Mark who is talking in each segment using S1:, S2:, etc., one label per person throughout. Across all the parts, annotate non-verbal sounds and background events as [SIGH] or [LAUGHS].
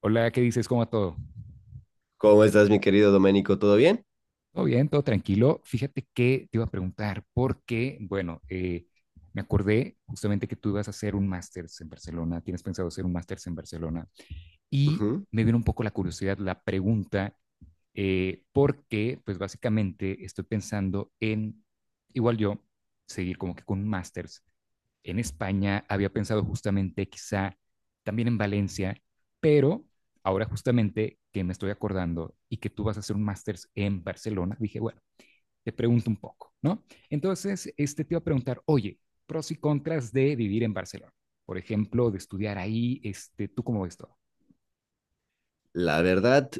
S1: Hola, ¿qué dices? ¿Cómo va todo?
S2: ¿Cómo estás, mi querido Doménico? ¿Todo bien?
S1: Todo bien, todo tranquilo. Fíjate que te iba a preguntar porque, bueno, me acordé justamente que tú ibas a hacer un máster en Barcelona, tienes pensado hacer un máster en Barcelona y
S2: Ujú.
S1: me vino un poco la curiosidad, la pregunta, porque pues básicamente estoy pensando en, igual yo, seguir como que con un máster en España, había pensado justamente quizá también en Valencia, pero ahora justamente que me estoy acordando y que tú vas a hacer un máster en Barcelona, dije, bueno, te pregunto un poco, ¿no? Entonces, este te iba a preguntar, oye, pros y contras de vivir en Barcelona, por ejemplo, de estudiar ahí, este, ¿tú cómo ves todo?
S2: La verdad,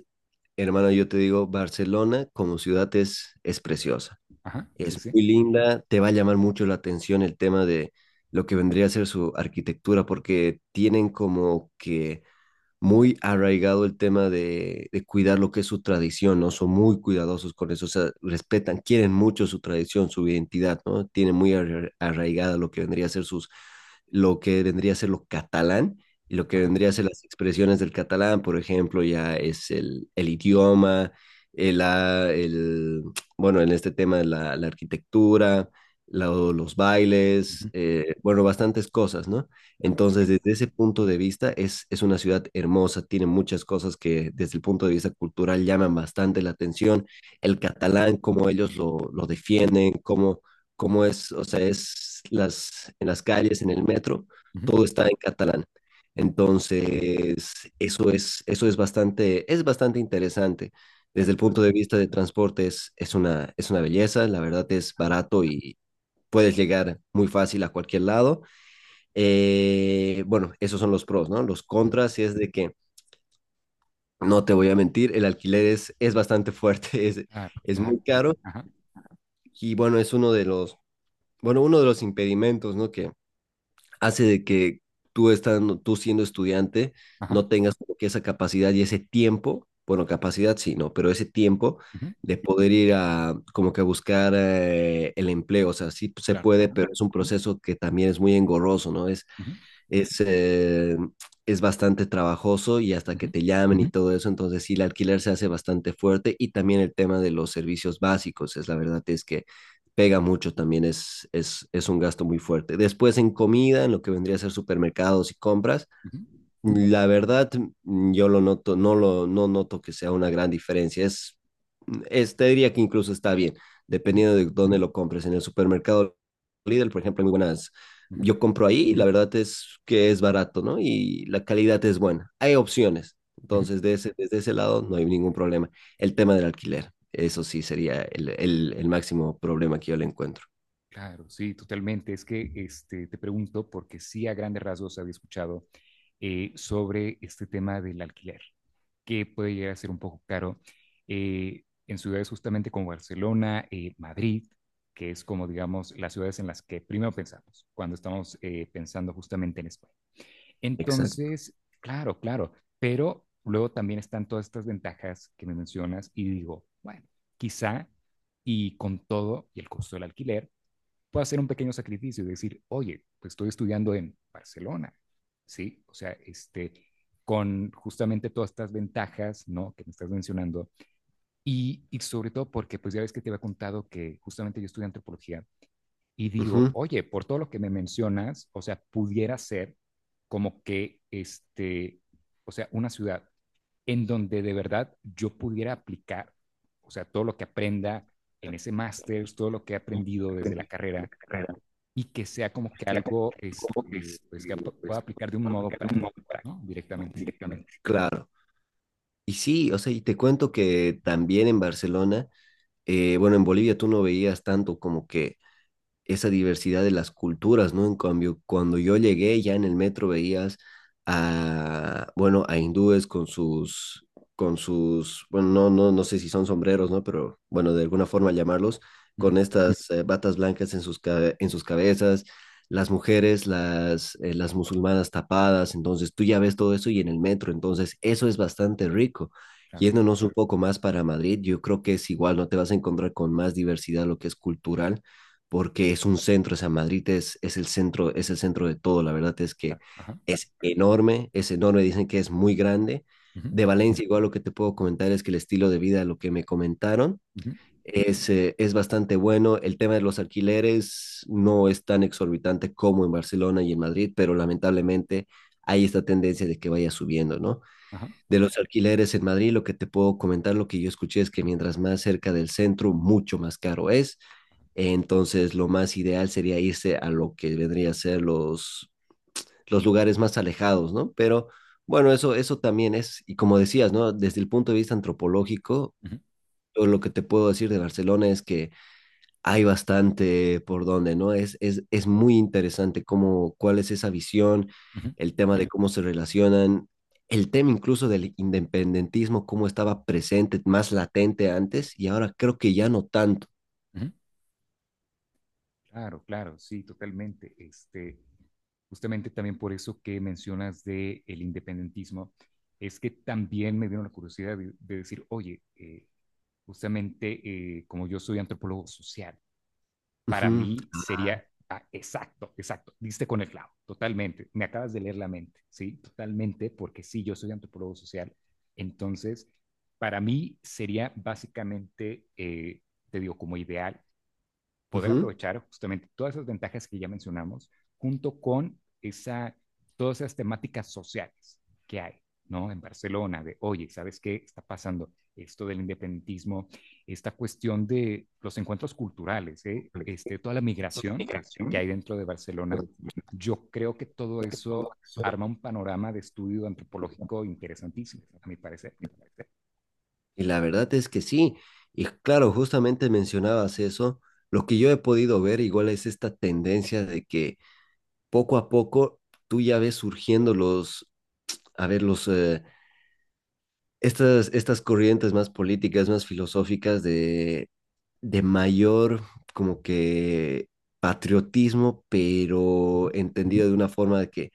S2: hermano, yo te digo, Barcelona como ciudad es preciosa,
S1: Ajá, sí,
S2: es
S1: sí,
S2: muy linda, te va a llamar mucho la atención el tema de lo que vendría a ser su arquitectura, porque tienen como que muy arraigado el tema de cuidar lo que es su tradición, ¿no? Son muy cuidadosos con eso, o sea, respetan, quieren mucho su tradición, su identidad, ¿no? Tienen muy arraigada lo que vendría a ser sus, lo que vendría a ser lo catalán y lo que
S1: ajá,
S2: vendría a ser las expresiones del catalán, por ejemplo, ya es el idioma, el, ah, el, bueno, en este tema la arquitectura, los bailes,
S1: ujú,
S2: bueno, bastantes cosas, ¿no?
S1: claro,
S2: Entonces,
S1: claro,
S2: desde ese punto de vista, es una ciudad hermosa, tiene muchas cosas que desde el punto de vista cultural llaman bastante la atención. El catalán, cómo ellos lo defienden, cómo es, o sea, en las calles, en el metro,
S1: ujú,
S2: todo está en catalán. Entonces, eso es bastante interesante. Desde
S1: claro,
S2: el punto de vista de transporte es una belleza, la verdad es barato y puedes llegar muy fácil a cualquier lado. Bueno, esos son los pros, ¿no? Los
S1: ujú,
S2: contras es de que, no te voy a mentir, es bastante fuerte, [LAUGHS]
S1: claro,
S2: es
S1: claro,
S2: muy
S1: sí, sí,
S2: caro
S1: ajá,
S2: y bueno, es uno de los, bueno, uno de los impedimentos, ¿no? Que hace de que tú siendo estudiante,
S1: ajá,
S2: no tengas como que esa capacidad y ese tiempo, bueno, capacidad sí, no, pero ese tiempo
S1: ujú,
S2: de poder ir a como que a buscar el empleo, o sea, sí se
S1: claro,
S2: puede, pero es un proceso que también es muy engorroso, ¿no?
S1: ujú,
S2: Es, eh, es bastante trabajoso y hasta
S1: ujú,
S2: que te llamen y todo eso, entonces sí, el alquiler se hace bastante fuerte y también el tema de los servicios básicos, es la verdad es que pega mucho también, es un gasto muy fuerte. Después en comida, en lo que vendría a ser supermercados y compras,
S1: ujú,
S2: la verdad, yo lo noto, no noto que sea una gran diferencia. Te diría que incluso está bien,
S1: ujú,
S2: dependiendo de dónde lo compres. En el supermercado Lidl, por ejemplo, hay muy buenas.
S1: ujú,
S2: Yo compro ahí y la verdad es que es barato, ¿no? Y la calidad es buena. Hay opciones.
S1: ujú.
S2: Entonces, desde ese lado no hay ningún problema. El tema del alquiler, eso sí sería el máximo problema que yo le encuentro.
S1: Claro, sí, totalmente. Es que este, te pregunto porque sí a grandes rasgos había escuchado sobre este tema del alquiler, que puede llegar a ser un poco caro en ciudades justamente como Barcelona, Madrid, que es como digamos las ciudades en las que primero pensamos cuando estamos pensando justamente en España.
S2: Exacto.
S1: Entonces, claro, claro, pero luego también están todas estas ventajas que me mencionas y digo, bueno, quizá y con todo y el costo del alquiler puedo hacer un pequeño sacrificio y decir, oye, pues estoy estudiando en Barcelona, ¿sí? O sea, este, con justamente todas estas ventajas, ¿no? Que me estás mencionando. Sobre todo porque, pues ya ves que te había contado que justamente yo estudié antropología y digo,
S2: Ujú.
S1: oye, por todo lo que me mencionas, o sea, pudiera ser como que, este, o sea, una ciudad en donde de verdad yo pudiera aplicar, o sea, todo lo que aprenda en ese máster, todo lo que he aprendido desde la carrera, y que sea como que algo este, pues que pueda aplicar de un modo práctico, ¿no? Directamente.
S2: Claro. Y sí, o sea, y te cuento que también en Barcelona bueno, en Bolivia tú no veías tanto como que esa diversidad de las culturas, ¿no? En cambio, cuando yo llegué ya en el metro veías bueno, a hindúes con sus, bueno, no, no, no sé si son sombreros, ¿no? Pero bueno, de alguna forma llamarlos,
S1: Ujú,
S2: con estas batas blancas en sus, en sus cabezas, las musulmanas tapadas, entonces tú ya ves todo eso y en el metro, entonces eso es bastante rico.
S1: claro,
S2: Yéndonos un poco más para Madrid, yo creo que es igual, no te vas a encontrar con más diversidad lo que es cultural porque es un centro, o sea, es el centro de todo, la verdad es que
S1: claro. Ajá.
S2: es enorme, dicen que es muy grande.
S1: Ujú,
S2: De Valencia, igual lo que te puedo comentar es que el estilo de vida, lo que me comentaron,
S1: ujú,
S2: es bastante bueno. El tema de los alquileres no es tan exorbitante como en Barcelona y en Madrid, pero lamentablemente hay esta tendencia de que vaya subiendo, ¿no?
S1: ajá,
S2: De los alquileres en Madrid, lo que te puedo comentar, lo que yo escuché es que mientras más cerca del centro, mucho más caro es. Entonces, lo más ideal sería irse a lo que vendría a ser los lugares más alejados, ¿no? Pero bueno, eso también es, y como decías, ¿no? Desde el punto de vista antropológico,
S1: ujú,
S2: yo lo que te puedo decir de Barcelona es que hay bastante por donde, ¿no? Es muy interesante cómo, cuál es esa visión,
S1: ujú,
S2: el tema de cómo se relacionan, el tema incluso del independentismo, cómo estaba presente, más latente antes, y ahora creo que ya no tanto.
S1: ujú. Claro, claro, sí, totalmente. Este, justamente también por eso que mencionas de el independentismo, es que también me vino la curiosidad de decir, oye, justamente como yo soy antropólogo social, para
S2: Ujú,
S1: mí sería exacto, exacto, diste con el clavo, totalmente, me acabas de leer la mente, ¿sí? Totalmente, porque sí, yo soy antropólogo social, entonces, para mí sería básicamente, te digo, como ideal, poder
S2: ujú.
S1: aprovechar justamente todas esas ventajas que ya mencionamos, junto con esa, todas esas temáticas sociales que hay, ¿no? En Barcelona, de, oye, ¿sabes qué está pasando? Esto del independentismo, esta cuestión de los encuentros culturales, ¿eh? Este, toda la migración que hay dentro de Barcelona, yo creo que todo eso arma un panorama de estudio antropológico interesantísimo, a mi parecer.
S2: Y la verdad es que sí. Y claro, justamente mencionabas eso. Lo que yo he podido ver igual es esta tendencia de que poco a poco tú ya ves surgiendo los, a ver, estas, estas corrientes más políticas, más filosóficas de mayor como que patriotismo,
S1: Uh
S2: pero
S1: -huh,
S2: entendido de una forma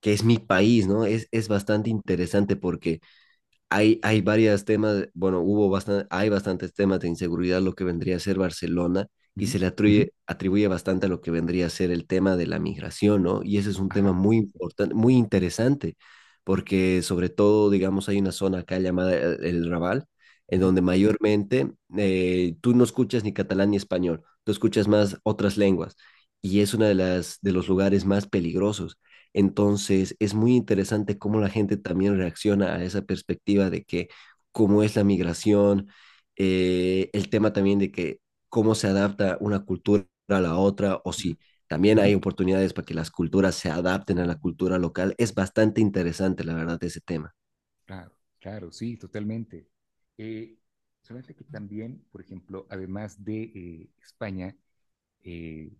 S2: que es mi país, ¿no? Es bastante interesante porque hay varios temas, bueno, hay bastantes temas de inseguridad, lo que vendría a ser Barcelona,
S1: uh
S2: y
S1: -huh,
S2: se le Ujú. Atribuye, atribuye bastante a lo que vendría a ser el tema de la migración, ¿no? Y ese es un tema
S1: ajá,
S2: muy importante, muy interesante, porque sobre todo, digamos, hay una zona acá llamada el Raval,
S1: uh
S2: en
S1: -huh,
S2: donde mayormente tú no escuchas ni catalán ni español, tú escuchas más otras lenguas, y es una de las, de los lugares más peligrosos, entonces, es muy interesante cómo la gente también reacciona a esa perspectiva de que cómo es la migración, el tema también de que cómo se adapta una cultura a la otra o si también hay oportunidades para que las culturas se adapten a la cultura local. Es bastante interesante, la verdad, ese tema.
S1: Claro, claro, sí, totalmente. Eh, Solamente que también, por ejemplo, además de España, eh,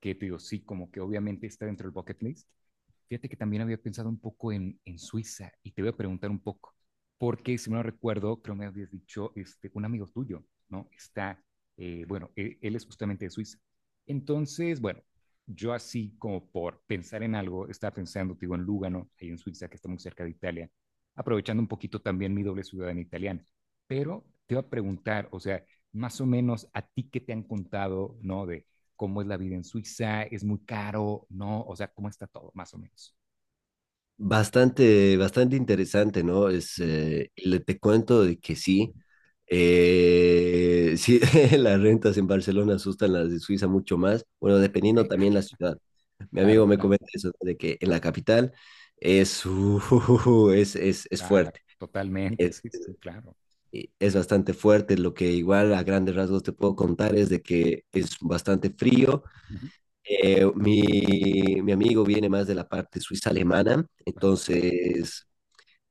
S1: que te digo, sí, como que obviamente está dentro del bucket list. Fíjate que también había pensado un poco en Suiza y te voy a preguntar un poco, porque si no recuerdo, creo me habías dicho este, un amigo tuyo, ¿no? Está, bueno, él es justamente de Suiza. Entonces, bueno, yo así como por pensar en algo, estaba pensando, te digo, en Lugano, ahí en Suiza, que está muy cerca de Italia, aprovechando un poquito también mi doble ciudadanía italiana. Pero te iba a preguntar, o sea, más o menos a ti qué te han contado, ¿no? De, cómo es la vida en Suiza, es muy caro, ¿no? O sea, cómo está todo, más o menos.
S2: Bastante, bastante interesante, ¿no? Es, le Te cuento de que sí, sí, [LAUGHS] las rentas en Barcelona asustan, las de Suiza mucho más. Bueno,
S1: Ajá, ¿ok?
S2: dependiendo también la ciudad. Mi amigo
S1: Claro,
S2: me
S1: claro,
S2: comenta eso, ¿no? De que en la capital es, [LAUGHS] es
S1: claro,
S2: fuerte.
S1: totalmente,
S2: Es,
S1: sí, sí, sí, claro.
S2: es bastante fuerte. Lo que igual a grandes rasgos te puedo contar es de que es bastante frío.
S1: Ujú,
S2: Eh, mi, Mi amigo viene más de la parte suiza alemana,
S1: ajá,
S2: entonces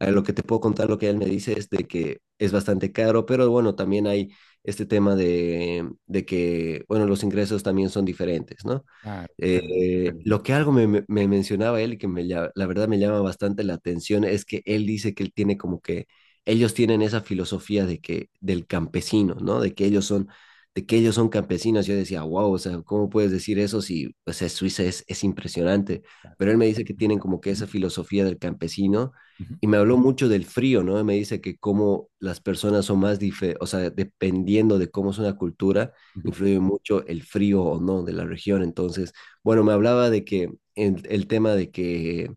S2: lo que te puedo contar, lo que él me dice es de que es bastante caro, pero bueno, también hay este tema de que, bueno, los ingresos también son diferentes, ¿no?
S1: claro, totalmente.
S2: Lo que algo me, me- Me mencionaba él y que la verdad me llama bastante la atención es que él dice que él tiene como que ellos tienen esa filosofía de que del campesino, ¿no? De que ellos son campesinos. Yo decía, wow, o sea, ¿cómo puedes decir eso si o sea, Suiza es impresionante? Pero él me dice que
S1: Ujú,
S2: tienen como que esa filosofía del campesino
S1: ujú,
S2: y me habló mucho del frío, ¿no? Me dice que cómo las personas son más, o sea, dependiendo de cómo es una cultura,
S1: ujú.
S2: influye mucho el frío o no de la región. Entonces, bueno, me hablaba de que el tema de que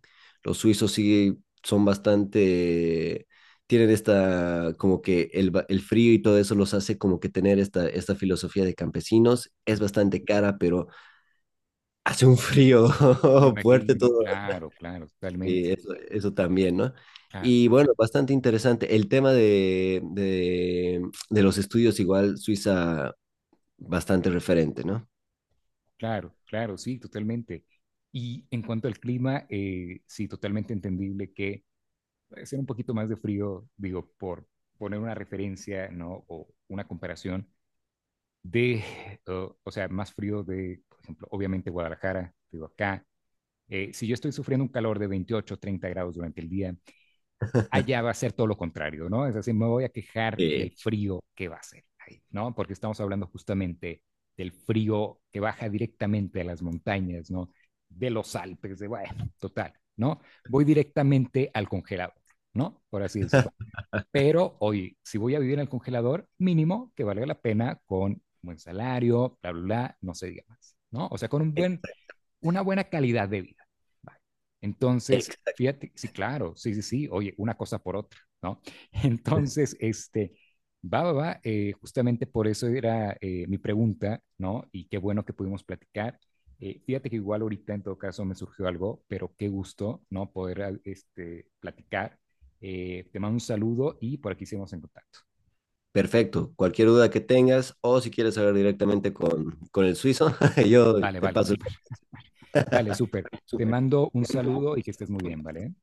S2: los suizos sí son bastante, tienen esta, como que el frío y todo eso los hace como que tener esta, esta filosofía de campesinos. Es bastante cara, pero hace un frío
S1: Me
S2: [LAUGHS] fuerte
S1: imagino,
S2: todo.
S1: claro, claro,
S2: Y
S1: totalmente.
S2: eso también, ¿no?
S1: Claro,
S2: Y bueno, bastante interesante. El tema de los estudios, igual Suiza, bastante referente, ¿no?
S1: claro, claro, sí, totalmente. Y en cuanto al clima, sí, totalmente entendible que puede ser un poquito más de frío, digo, por poner una referencia, ¿no? O una comparación de, o sea, más frío de, por ejemplo, obviamente Guadalajara, digo acá. Si yo estoy sufriendo un calor de 28, 30 grados durante el día, allá va a ser todo lo contrario, ¿no? Es decir, me voy a quejar del
S2: Sí,
S1: frío que va a ser ahí, ¿no? Porque estamos hablando justamente del frío que baja directamente a las montañas, ¿no? De los Alpes, de, bueno, total, ¿no? Voy directamente al congelador, ¿no? Por así decirlo. Pero hoy, si voy a vivir en el congelador, mínimo que valga la pena con un buen salario, bla, bla, bla, no se diga más, ¿no? O sea, con un buen, una buena calidad de vida. Vale.
S2: ex-
S1: Entonces, fíjate, sí, claro, sí, sí, sí, oye, una cosa por otra, ¿no? [LAUGHS] Entonces, este, va, va, va, justamente por eso era mi pregunta, ¿no? Y qué bueno que pudimos platicar. Fíjate que igual ahorita en todo caso me surgió algo, pero qué gusto, ¿no? Poder este, platicar te mando un saludo y por aquí seguimos en contacto.
S2: Perfecto. Cualquier duda que tengas o si quieres hablar directamente con el suizo, [LAUGHS] yo
S1: Vale,
S2: te
S1: vale,
S2: paso
S1: súper. Vale, súper. Te mando un saludo y que estés muy bien, ¿vale?